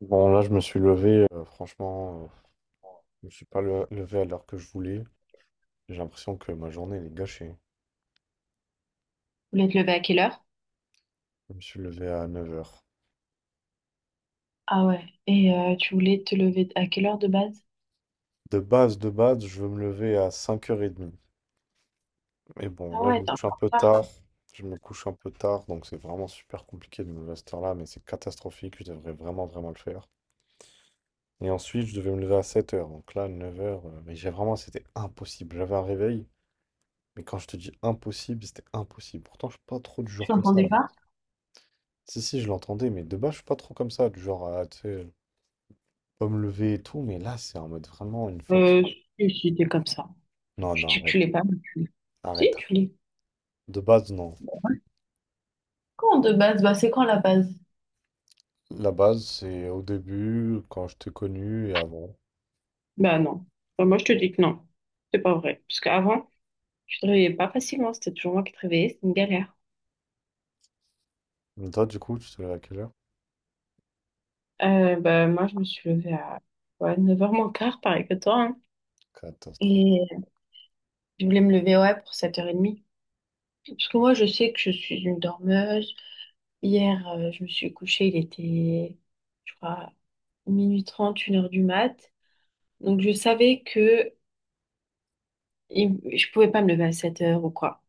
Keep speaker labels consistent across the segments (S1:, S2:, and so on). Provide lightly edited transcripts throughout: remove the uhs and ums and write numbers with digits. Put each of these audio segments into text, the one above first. S1: Bon, là, je me suis levé, franchement, je me suis pas levé à l'heure que je voulais. J'ai l'impression que ma journée, elle est gâchée.
S2: Tu voulais te lever à quelle heure?
S1: Je me suis levé à 9h.
S2: Ah ouais. Et tu voulais te lever à quelle heure de base?
S1: De base, je veux me lever à 5h30. Mais bon,
S2: Ah
S1: là, je
S2: ouais,
S1: me
S2: t'es un peu
S1: couche un peu
S2: en
S1: tard.
S2: retard.
S1: Je me couche un peu tard, donc c'est vraiment super compliqué de me lever à cette heure-là, mais c'est catastrophique. Je devrais vraiment, vraiment le faire. Et ensuite, je devais me lever à 7h. Donc là, 9h, mais j'ai vraiment, c'était impossible. J'avais un réveil, mais quand je te dis impossible, c'était impossible. Pourtant, je suis pas trop du
S2: Tu
S1: genre comme ça.
S2: t'entendais pas?
S1: Si, si, je l'entendais, mais de base, je suis pas trop comme ça, du genre, à, tu sais, pas me lever et tout, mais là, c'est en mode vraiment une fatigue.
S2: Euh, si, t'es comme ça.
S1: Non,
S2: Tu,
S1: non,
S2: tu, tu
S1: arrête,
S2: l'es pas, mais tu l'es. Si,
S1: arrête.
S2: tu l'es.
S1: De base, non.
S2: Quand de base? Bah, c'est quand la base?
S1: La base, c'est au début, quand je t'ai connu et avant.
S2: Bah non. Bah, moi, je te dis que non. C'est pas vrai. Parce qu'avant, tu te réveillais pas facilement. C'était toujours moi qui te réveillais. C'était une galère.
S1: Mais toi, du coup, tu te lèves à quelle heure?
S2: Bah, moi, je me suis levée à ouais, neuf heures moins quart, pareil que toi, hein.
S1: Catastrophe.
S2: Et je voulais me lever, ouais, pour 7h30. Parce que moi, je sais que je suis une dormeuse. Hier, je me suis couchée, il était, je crois, minuit trente une heure du mat. Donc, je savais que je pouvais pas me lever à 7 heures ou quoi.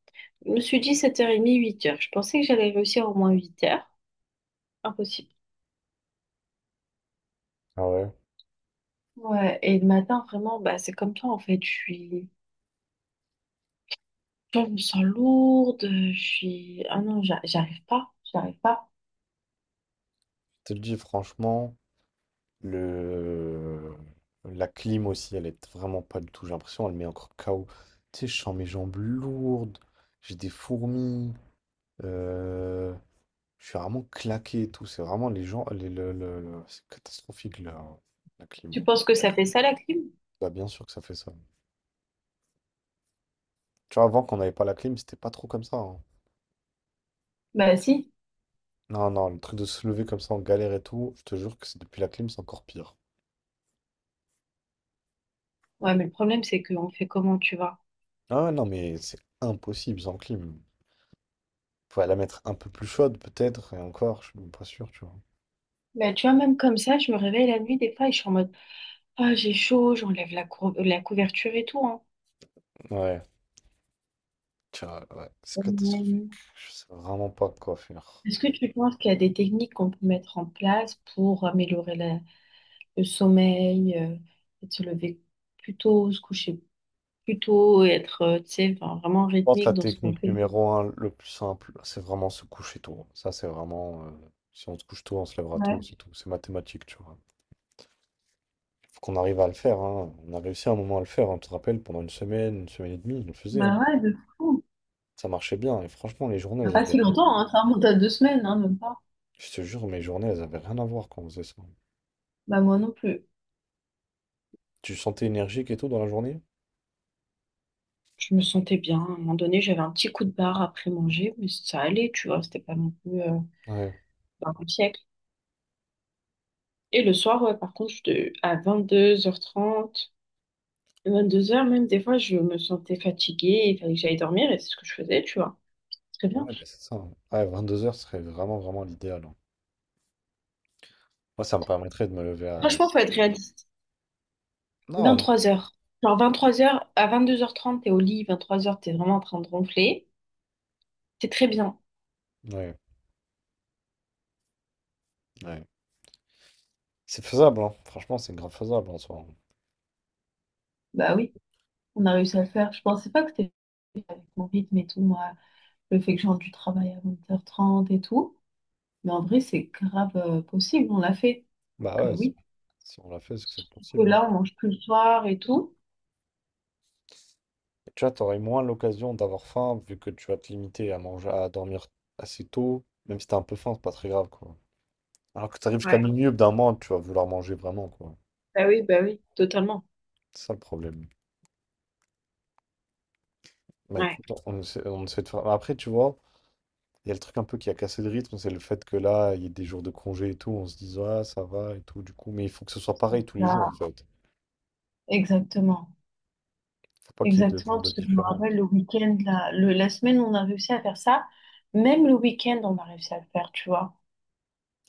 S2: Je me suis dit 7h30, 8 heures. Je pensais que j'allais réussir au moins 8 heures. Impossible.
S1: Ah ouais?
S2: Ouais, et le matin, vraiment, bah, c'est comme toi, en fait. Je suis, je me sens lourde. Je suis, ah non, j'arrive pas, j'arrive pas.
S1: Je te le dis, franchement, le... la clim aussi, elle est vraiment pas du tout, j'ai l'impression, elle met encore KO. Tu sais, je sens mes jambes lourdes, j'ai des fourmis. euh, Je suis vraiment claqué et tout. C'est vraiment les gens. Les, le- C'est catastrophique la clim, hein.
S2: Tu penses que ça fait ça, la clim?
S1: Bah, bien sûr que ça fait ça. Tu vois, avant qu'on n'avait pas la clim, c'était pas trop comme ça, hein.
S2: Bah, si.
S1: Non, non, le truc de se lever comme ça en galère et tout, je te jure que c'est depuis la clim, c'est encore pire.
S2: Ouais, mais le problème, c'est qu'on fait comment, tu vois?
S1: Ah ouais, non, mais c'est impossible sans clim. Faut la mettre un peu plus chaude, peut-être, et encore, je suis même pas sûr, tu vois.
S2: Bah, tu vois, même comme ça, je me réveille la nuit, des fois, et je suis en mode. Ah, j'ai chaud, j'enlève la couverture et tout, hein.
S1: Ouais, tu vois, ouais, c'est catastrophique.
S2: Ouais.
S1: Je sais vraiment pas quoi faire.
S2: Est-ce que tu penses qu'il y a des techniques qu'on peut mettre en place pour améliorer le sommeil, peut-être se lever plus tôt, se coucher plus tôt, et être, tu sais, enfin, vraiment
S1: Pense que la
S2: rythmique dans ce qu'on
S1: technique
S2: fait?
S1: numéro un, le plus simple, c'est vraiment se coucher tôt. Ça, c'est vraiment. Si on se couche tôt, on se lèvera tôt,
S2: Ouais,
S1: c'est tout. C'est mathématique, tu vois. Il faut qu'on arrive à le faire, hein. On a réussi à un moment à le faire, hein. Tu te rappelles, pendant une semaine et demie, on le faisait, hein.
S2: bah ouais, de fou.
S1: Ça marchait bien. Et franchement, les journées,
S2: Ça fait
S1: elles
S2: pas
S1: avaient
S2: si
S1: rien.
S2: longtemps, hein, ça remonte à deux semaines, hein, même pas.
S1: Je te jure, mes journées, elles avaient rien à voir quand on faisait ça.
S2: Bah moi non plus.
S1: Tu sentais énergique et tout dans la journée?
S2: Je me sentais bien. À un moment donné, j'avais un petit coup de barre après manger, mais ça allait, tu vois, c'était pas non plus
S1: Ouais.
S2: un siècle. Et le soir, ouais, par contre, à vingt-deux heures trente vingt-deux heures même, des fois, je me sentais fatiguée, il fallait que j'aille dormir et c'est ce que je faisais, tu vois. Très
S1: Ouais,
S2: bien.
S1: bah, c'est ça, hein. Ouais, 2 heures serait vraiment, vraiment l'idéal, hein. Moi, ça me permettrait de me lever à.
S2: Franchement, faut être réaliste.
S1: Non, non.
S2: Vingt-trois heures. Genre vingt-trois heures à vingt-deux heures trente t'es au lit, vingt-trois heures t'es vraiment en train de ronfler. C'est très bien.
S1: Ouais, ouais. C'est faisable, hein. Franchement, c'est grave faisable en soi, hein.
S2: Bah oui, on a réussi à le faire. Je pensais pas que c'était mon rythme et tout, moi, le fait que j'ai du travail à vingt heures trente et tout. Mais en vrai, c'est grave possible, on l'a fait. Donc
S1: Bah ouais,
S2: oui,
S1: si on l'a fait, c'est que c'est
S2: surtout que
S1: possible, hein.
S2: là, on mange plus le soir et tout.
S1: Et tu vois, t'aurais moins l'occasion d'avoir faim vu que tu vas te limiter à manger, à dormir assez tôt. Même si t'as un peu faim, c'est pas très grave, quoi. Alors que t'arrives jusqu'à minuit, au bout d'un moment, tu vas vouloir manger vraiment, quoi.
S2: Bah oui, totalement.
S1: C'est ça le problème. Bah
S2: Ouais.
S1: écoute, on essaie de faire. Après, tu vois, il y a le truc un peu qui a cassé le rythme, c'est le fait que là, il y a des jours de congé et tout, on se dit, ah, ça va et tout, du coup. Mais il faut que ce soit pareil tous les jours, en
S2: Là,
S1: fait.
S2: exactement.
S1: Faut pas qu'il y ait deux
S2: Exactement,
S1: jours de
S2: parce que je me
S1: différence.
S2: rappelle le week-end, la semaine, on a réussi à faire ça. Même le week-end, on a réussi à le faire, tu vois.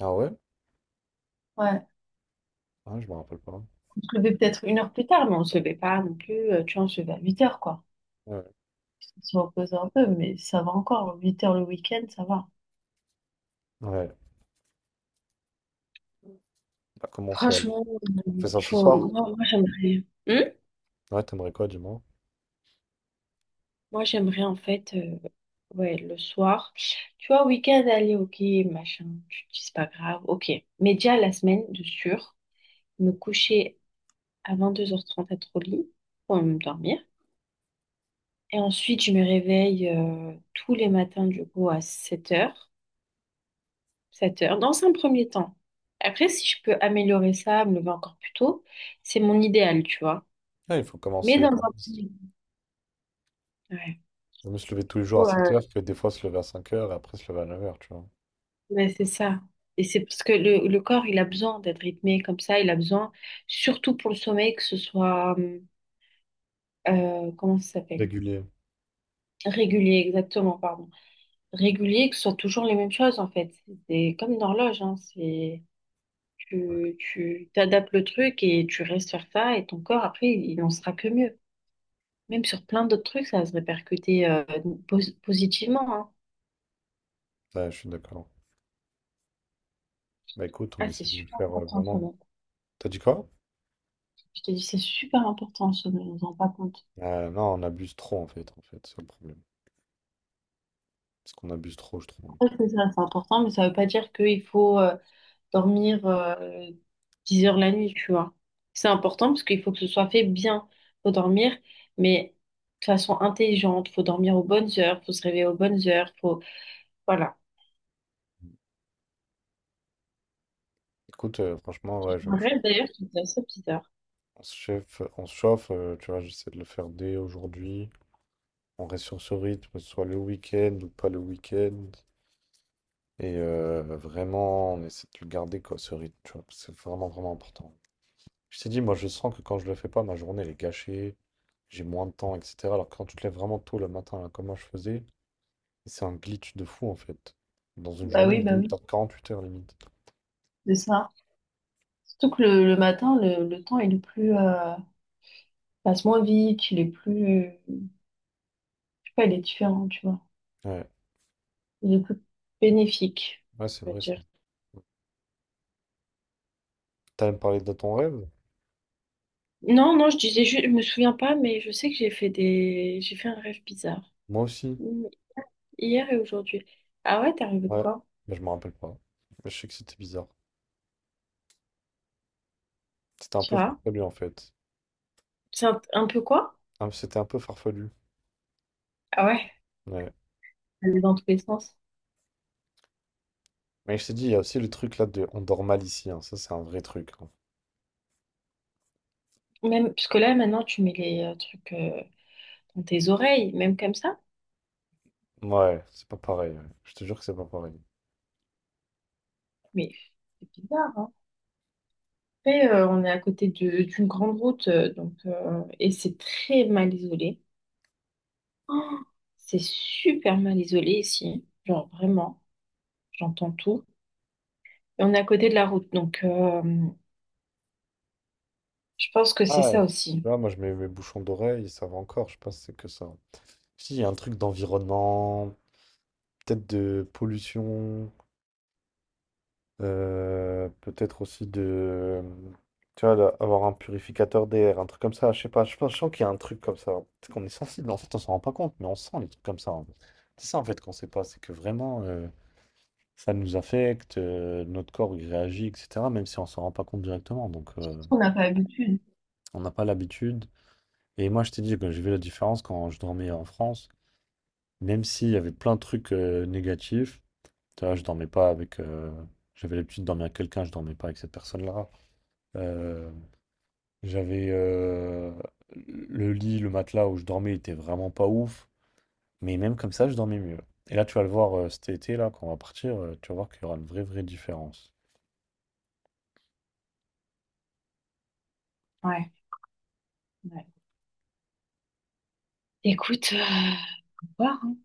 S1: Ah ouais?
S2: Ouais.
S1: Ah, je me rappelle pas.
S2: On se levait peut-être une heure plus tard, mais on se levait pas non plus. Tu vois, on se levait à 8 heures, quoi.
S1: Ouais.
S2: On se repose un peu, mais ça va encore. Huit heures le week-end, ça va.
S1: Ouais. Bah, comment on fait alors?
S2: Franchement,
S1: On fait ça ce
S2: faut...
S1: soir?
S2: moi j'aimerais. Hmm.
S1: Ouais, t'aimerais quoi, du moins?
S2: J'aimerais en fait, ouais, le soir. Tu vois, week-end, allez, ok, machin, tu te dis c'est pas grave, ok. Mais déjà la semaine, de sûr, me coucher à deux heures trente être au lit pour me dormir. Et ensuite, je me réveille tous les matins, du coup, à sept heures dans un premier temps. Après, si je peux améliorer ça, me lever encore plus tôt, c'est mon idéal, tu vois.
S1: Ouais, il faut
S2: Mais
S1: commencer,
S2: dans
S1: ouais.
S2: un premier temps,
S1: Vaut mieux se lever tous les jours à sept
S2: ouais.
S1: heures que des fois se lever à 5 heures et après se lever à 9 heures, tu vois.
S2: Ouais, c'est ça. Et c'est parce que le corps, il a besoin d'être rythmé comme ça. Il a besoin, surtout pour le sommeil, que ce soit, comment ça s'appelle?
S1: Régulier.
S2: Régulier, exactement, pardon. Régulier, que ce soit toujours les mêmes choses, en fait. C'est comme une horloge, hein. C'est,
S1: Ouais,
S2: tu t'adaptes le truc et tu restes sur ça et ton corps, après, il n'en sera que mieux. Même sur plein d'autres trucs, ça va se répercuter, positivement, hein.
S1: ouais, je suis d'accord. Bah écoute, on
S2: Ah, c'est
S1: essaie de le
S2: super
S1: faire
S2: important, le
S1: vraiment.
S2: sommeil.
S1: T'as dit quoi?
S2: Je t'ai dit c'est super important, le sommeil. On s'en rend pas compte.
S1: Non, on abuse trop en fait, c'est le problème. C'est qu'on abuse trop, je trouve.
S2: Ouais, c'est ça, c'est important, mais ça ne veut pas dire qu'il faut dormir 10 heures la nuit, tu vois. C'est important parce qu'il faut que ce soit fait bien. Faut dormir, mais de façon intelligente. Faut dormir aux bonnes heures, faut se réveiller aux bonnes heures. Faut... Voilà.
S1: Écoute, franchement,
S2: J'ai
S1: ouais,
S2: fait
S1: je vais
S2: un
S1: me chauffer.
S2: rêve d'ailleurs qui était assez bizarre.
S1: On se chauffe, tu vois, j'essaie de le faire dès aujourd'hui. On reste sur ce rythme, soit le week-end ou pas le week-end. Et vraiment, on essaie de le garder, quoi, ce rythme, tu vois, parce que c'est vraiment, vraiment important. Je t'ai dit, moi, je sens que quand je le fais pas, ma journée, elle est gâchée, j'ai moins de temps, etc. Alors que quand tu te lèves vraiment tôt le matin, là, comme moi, je faisais, c'est un glitch de fou, en fait. Dans une journée, on
S2: Bah
S1: est
S2: oui,
S1: dans 48 heures, limite.
S2: c'est ça. Surtout que le matin, le temps est le plus... passe moins vite, il est plus... Je sais pas, il est différent, tu vois.
S1: Ouais,
S2: Il est plus bénéfique,
S1: ouais, c'est
S2: je veux
S1: vrai, ça.
S2: dire.
S1: T'as même parlé de ton rêve?
S2: Non, non, je disais juste, je me souviens pas, mais je sais que j'ai fait j'ai fait un rêve bizarre.
S1: Moi aussi.
S2: Hmm. Hier et aujourd'hui. Ah ouais, t'es rêvé de
S1: Ouais,
S2: quoi?
S1: mais je me rappelle pas. Mais je sais que c'était bizarre. C'était un
S2: Tu
S1: peu
S2: vois?
S1: farfelu en fait.
S2: C'est un peu quoi?
S1: Ah, c'était un peu farfelu.
S2: Ah ouais, ça
S1: Ouais.
S2: allait dans tous les sens.
S1: Mais je t'ai dit, il y a aussi le truc là de on dort mal ici, hein. Ça, c'est un vrai truc, hein.
S2: Même, parce que là, maintenant, tu mets les trucs dans tes oreilles, même comme ça.
S1: Ouais, c'est pas pareil, ouais. Je te jure que c'est pas pareil.
S2: Mais c'est bizarre, hein. Après, on est à côté d'une grande route, donc, et c'est très mal isolé. Oh, c'est super mal isolé ici. Genre, vraiment, j'entends tout. Et on est à côté de la route, donc... je pense que c'est
S1: Ah,
S2: ça
S1: tu
S2: aussi.
S1: vois, moi je mets mes bouchons d'oreille, ça va encore. Je sais pas si c'est que ça. Si, il y a un truc d'environnement, peut-être de pollution. Peut-être aussi de, tu vois, là, avoir un purificateur d'air, un truc comme ça. Je sais pas, je pense, je sens qu'il y a un truc comme ça. Peut-être qu'on est sensible, en fait, on s'en rend pas compte, mais on sent les trucs comme ça, hein. C'est ça, en fait, qu'on sait pas. C'est que vraiment, ça nous affecte, notre corps, il réagit, etc., même si on s'en rend pas compte directement. Donc,
S2: On n'a pas l'habitude.
S1: on n'a pas l'habitude. Et moi, je t'ai dit que j'ai vu la différence quand je dormais en France, même s'il y avait plein de trucs négatifs. Tu vois, je dormais pas avec. J'avais l'habitude de dormir avec quelqu'un, je dormais pas avec cette personne-là. Euh, J'avais le lit, le matelas où je dormais était vraiment pas ouf, mais même comme ça, je dormais mieux. Et là, tu vas le voir cet été, là, quand on va partir, tu vas voir qu'il y aura une vraie, vraie différence.
S2: Ouais. Ouais. Écoute, voir, hein.